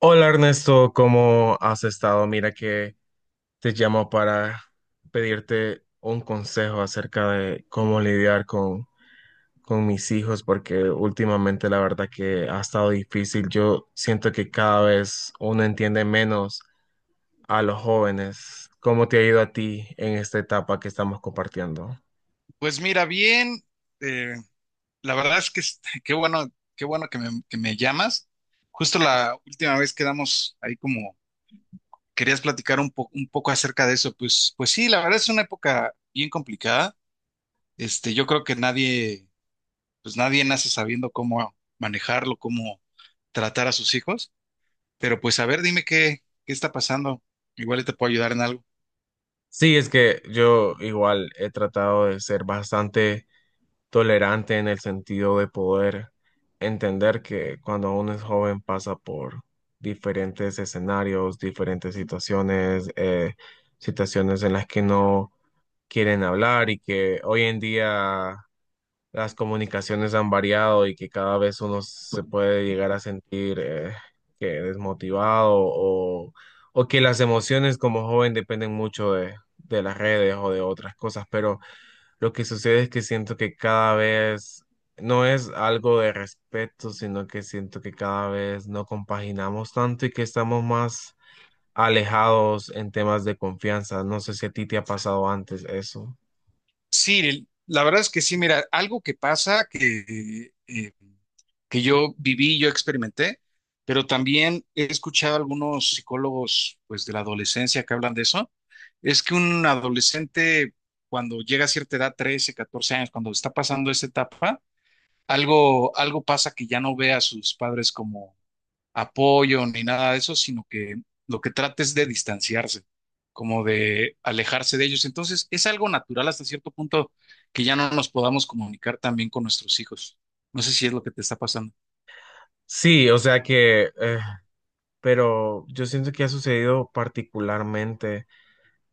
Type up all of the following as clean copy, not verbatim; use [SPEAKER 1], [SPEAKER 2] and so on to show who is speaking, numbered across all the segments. [SPEAKER 1] Hola Ernesto, ¿cómo has estado? Mira que te llamo para pedirte un consejo acerca de cómo lidiar con mis hijos, porque últimamente la verdad que ha estado difícil. Yo siento que cada vez uno entiende menos a los jóvenes. ¿Cómo te ha ido a ti en esta etapa que estamos compartiendo?
[SPEAKER 2] Pues mira, bien, eh, la verdad es que qué bueno que me llamas. Justo la última vez quedamos ahí como querías platicar un poco acerca de eso. Pues sí, la verdad es una época bien complicada. Este, yo creo que nadie, pues nadie nace sabiendo cómo manejarlo, cómo tratar a sus hijos. Pero pues a ver, dime qué está pasando. Igual y te puedo ayudar en algo.
[SPEAKER 1] Sí, es que yo igual he tratado de ser bastante tolerante en el sentido de poder entender que cuando uno es joven pasa por diferentes escenarios, diferentes situaciones, situaciones en las que no quieren hablar, y que hoy en día las comunicaciones han variado y que cada vez uno se puede llegar a sentir que desmotivado o que las emociones como joven dependen mucho de las redes o de otras cosas, pero lo que sucede es que siento que cada vez no es algo de respeto, sino que siento que cada vez no compaginamos tanto y que estamos más alejados en temas de confianza. No sé si a ti te ha pasado antes eso.
[SPEAKER 2] Sí, la verdad es que sí, mira, algo que pasa que yo viví, yo experimenté, pero también he escuchado algunos psicólogos, pues, de la adolescencia que hablan de eso, es que un adolescente cuando llega a cierta edad, 13 14 años, cuando está pasando esa etapa, algo pasa que ya no ve a sus padres como apoyo ni nada de eso, sino que lo que trata es de distanciarse, como de alejarse de ellos. Entonces, es algo natural hasta cierto punto que ya no nos podamos comunicar también con nuestros hijos. No sé si es lo que te está pasando.
[SPEAKER 1] Sí, pero yo siento que ha sucedido particularmente.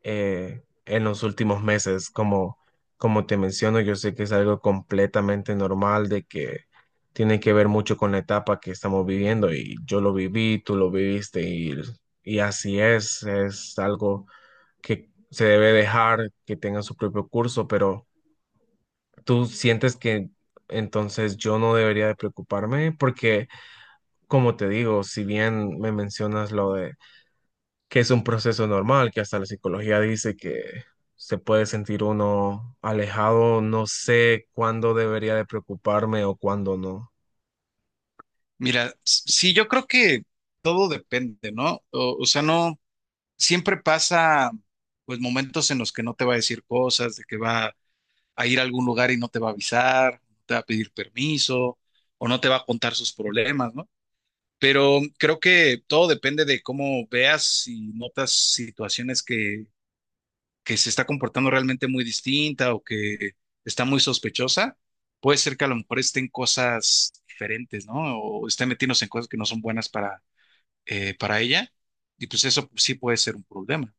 [SPEAKER 1] En los últimos meses. Como te menciono, yo sé que es algo completamente normal de que tiene que ver mucho con la etapa que estamos viviendo y yo lo viví, tú lo viviste y así es algo que se debe dejar que tenga su propio curso, pero tú sientes que entonces yo no debería de preocuparme porque, como te digo, si bien me mencionas lo de que es un proceso normal, que hasta la psicología dice que se puede sentir uno alejado, no sé cuándo debería de preocuparme o cuándo no.
[SPEAKER 2] Mira, sí, yo creo que todo depende, ¿no? O sea, no, siempre pasa, pues, momentos en los que no te va a decir cosas, de que va a ir a algún lugar y no te va a avisar, no te va a pedir permiso, o no te va a contar sus problemas, ¿no? Pero creo que todo depende de cómo veas y notas situaciones que se está comportando realmente muy distinta o que está muy sospechosa. Puede ser que a lo mejor estén cosas diferentes, ¿no? O estén metiéndose en cosas que no son buenas para ella, y pues eso sí puede ser un problema.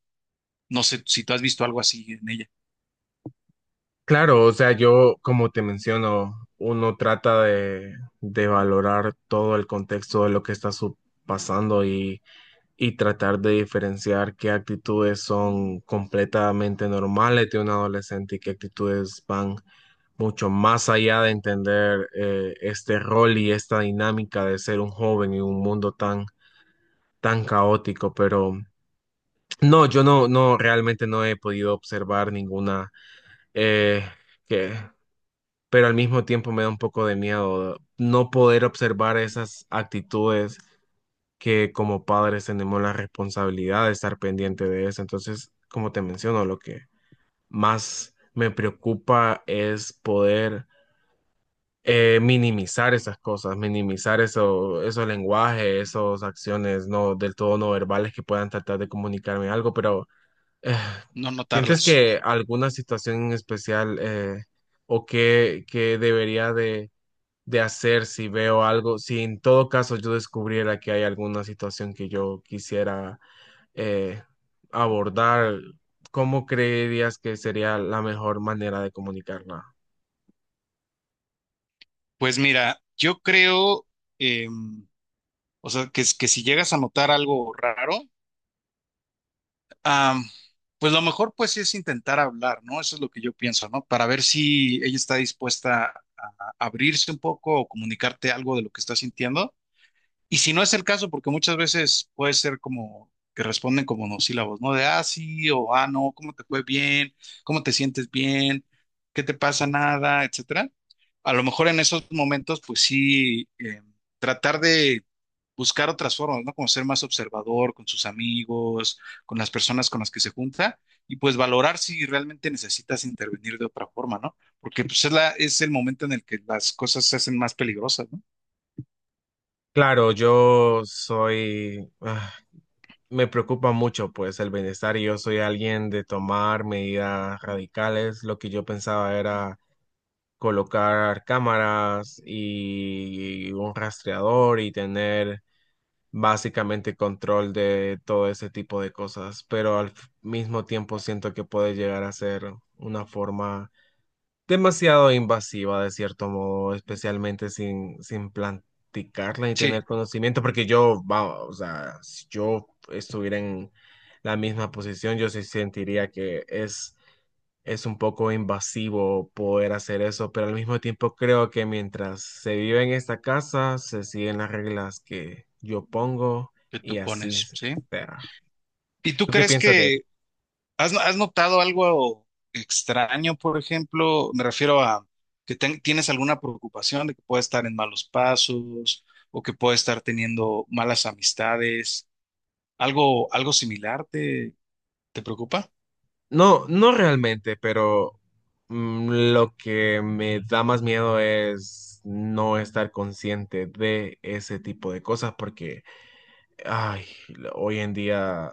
[SPEAKER 2] No sé si tú has visto algo así en ella,
[SPEAKER 1] Claro, o sea, yo, como te menciono, uno trata de valorar todo el contexto de lo que está pasando y tratar de diferenciar qué actitudes son completamente normales de un adolescente y qué actitudes van mucho más allá de entender este rol y esta dinámica de ser un joven en un mundo tan, tan caótico. Pero no, realmente no he podido observar ninguna eh, que... Pero al mismo tiempo me da un poco de miedo no poder observar esas actitudes que como padres tenemos la responsabilidad de estar pendiente de eso. Entonces, como te menciono, lo que más me preocupa es poder minimizar esas cosas, minimizar eso, esos lenguajes, esas acciones no del todo no verbales que puedan tratar de comunicarme algo, pero eh,
[SPEAKER 2] no
[SPEAKER 1] ¿sientes
[SPEAKER 2] notarlas.
[SPEAKER 1] que alguna situación en especial o que debería de hacer si veo algo, si en todo caso yo descubriera que hay alguna situación que yo quisiera eh, abordar, ¿cómo creerías que sería la mejor manera de comunicarla?
[SPEAKER 2] Pues mira, yo creo, eh, o sea, que si llegas a notar algo raro, ah, pues lo mejor pues es intentar hablar, ¿no? Eso es lo que yo pienso, ¿no? Para ver si ella está dispuesta a abrirse un poco o comunicarte algo de lo que está sintiendo. Y si no es el caso, porque muchas veces puede ser como que responden como monosílabos, ¿no? De ah, sí, o ah, no, ¿cómo te fue bien? ¿Cómo te sientes bien? ¿Qué te pasa? Nada, etcétera. A lo mejor en esos momentos, pues sí, tratar de buscar otras formas, ¿no? Como ser más observador con sus amigos, con las personas con las que se junta, y pues valorar si realmente necesitas intervenir de otra forma, ¿no? Porque pues es el momento en el que las cosas se hacen más peligrosas, ¿no?
[SPEAKER 1] Claro, yo soy, me preocupa mucho pues el bienestar y yo soy alguien de tomar medidas radicales. Lo que yo pensaba era colocar cámaras y un rastreador y tener básicamente control de todo ese tipo de cosas, pero al mismo tiempo siento que puede llegar a ser una forma demasiado invasiva de cierto modo, especialmente sin platicarla y
[SPEAKER 2] Sí,
[SPEAKER 1] tener conocimiento, porque yo, va, o sea, si yo estuviera en la misma posición, yo sí sentiría que es un poco invasivo poder hacer eso, pero al mismo tiempo creo que mientras se vive en esta casa, se siguen las reglas que yo pongo
[SPEAKER 2] que
[SPEAKER 1] y
[SPEAKER 2] tú
[SPEAKER 1] así
[SPEAKER 2] pones, ¿sí?
[SPEAKER 1] será.
[SPEAKER 2] ¿Y tú
[SPEAKER 1] ¿Tú qué
[SPEAKER 2] crees
[SPEAKER 1] piensas de eso?
[SPEAKER 2] que has notado algo extraño, por ejemplo? Me refiero a que tienes alguna preocupación de que pueda estar en malos pasos o que pueda estar teniendo malas amistades. ¿Algo similar te preocupa?
[SPEAKER 1] No, no realmente, pero lo que me da más miedo es no estar consciente de ese tipo de cosas porque ay, hoy en día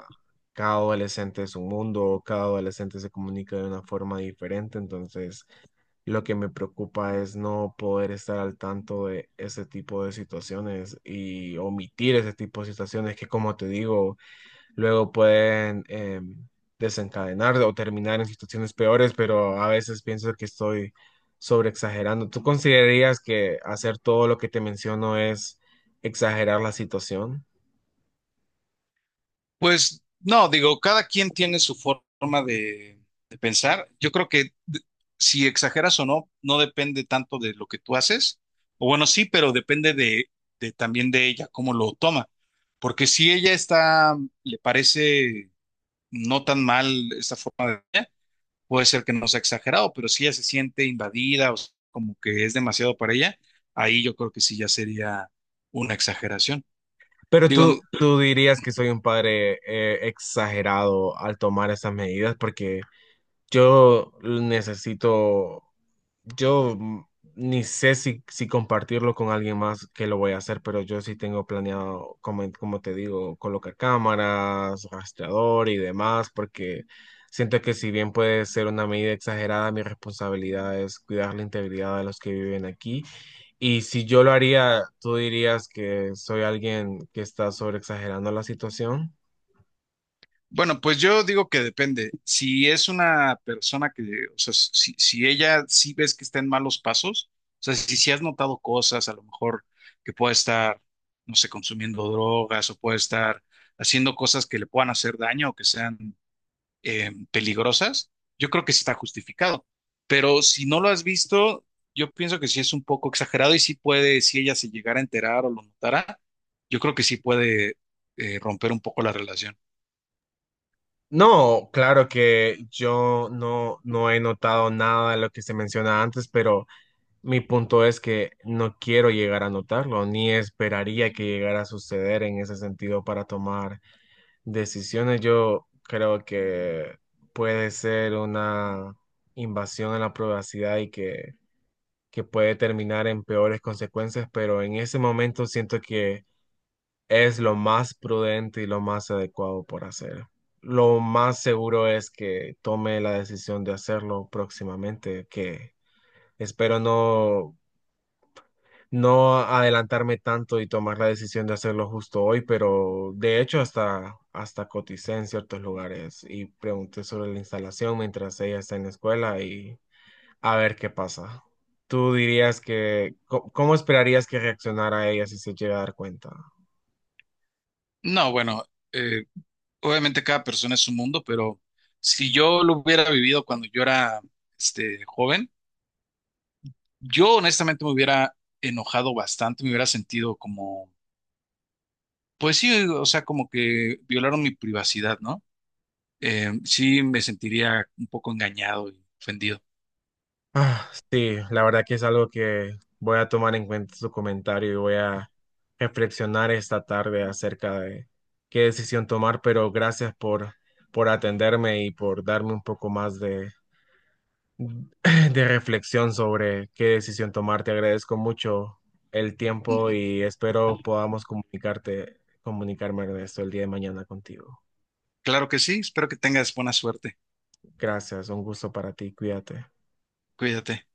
[SPEAKER 1] cada adolescente es un mundo, cada adolescente se comunica de una forma diferente, entonces lo que me preocupa es no poder estar al tanto de ese tipo de situaciones y omitir ese tipo de situaciones que, como te digo, luego pueden desencadenar o terminar en situaciones peores, pero a veces pienso que estoy sobreexagerando. ¿Tú considerarías que hacer todo lo que te menciono es exagerar la situación?
[SPEAKER 2] Pues no, digo, cada quien tiene su forma de pensar. Yo creo que si exageras o no, no depende tanto de lo que tú haces. O bueno, sí, pero depende de también de ella, cómo lo toma. Porque si ella está, le parece no tan mal esta forma de ella, puede ser que no sea exagerado, pero si ella se siente invadida o como que es demasiado para ella, ahí yo creo que sí ya sería una exageración.
[SPEAKER 1] Pero
[SPEAKER 2] Digo,
[SPEAKER 1] tú dirías que soy un padre exagerado al tomar esas medidas porque yo necesito, yo ni sé si compartirlo con alguien más que lo voy a hacer, pero yo sí tengo planeado, como, como te digo, colocar cámaras, rastreador y demás, porque siento que si bien puede ser una medida exagerada, mi responsabilidad es cuidar la integridad de los que viven aquí y si yo lo haría, ¿tú dirías que soy alguien que está sobreexagerando la situación?
[SPEAKER 2] bueno, pues yo digo que depende. Si es una persona que, o sea, si ella sí ves que está en malos pasos, o sea, si has notado cosas, a lo mejor que pueda estar, no sé, consumiendo drogas o puede estar haciendo cosas que le puedan hacer daño o que sean peligrosas, yo creo que sí está justificado. Pero si no lo has visto, yo pienso que sí es un poco exagerado y sí puede, si ella se llegara a enterar o lo notara, yo creo que sí puede romper un poco la relación.
[SPEAKER 1] No, claro que yo no he notado nada de lo que se menciona antes, pero mi punto es que no quiero llegar a notarlo, ni esperaría que llegara a suceder en ese sentido para tomar decisiones. Yo creo que puede ser una invasión a la privacidad que puede terminar en peores consecuencias, pero en ese momento siento que es lo más prudente y lo más adecuado por hacer. Lo más seguro es que tome la decisión de hacerlo próximamente, que espero no adelantarme tanto y tomar la decisión de hacerlo justo hoy, pero de hecho hasta coticé en ciertos lugares y pregunté sobre la instalación mientras ella está en la escuela y a ver qué pasa. ¿Tú dirías cómo esperarías que reaccionara ella si se llega a dar cuenta?
[SPEAKER 2] No, bueno, eh, obviamente cada persona es un mundo, pero si yo lo hubiera vivido cuando yo era joven, yo honestamente me hubiera enojado bastante, me hubiera sentido como, pues sí, o sea, como que violaron mi privacidad, ¿no? Sí, me sentiría un poco engañado y ofendido.
[SPEAKER 1] Ah, sí, la verdad que es algo que voy a tomar en cuenta su comentario y voy a reflexionar esta tarde acerca de qué decisión tomar, pero gracias por atenderme y por darme un poco más de reflexión sobre qué decisión tomar. Te agradezco mucho el
[SPEAKER 2] Mm,
[SPEAKER 1] tiempo
[SPEAKER 2] mm,
[SPEAKER 1] y espero podamos comunicarme de esto el día de mañana contigo.
[SPEAKER 2] Claro que sí, espero que tengas buena suerte.
[SPEAKER 1] Gracias, un gusto para ti, cuídate.
[SPEAKER 2] Cuídate.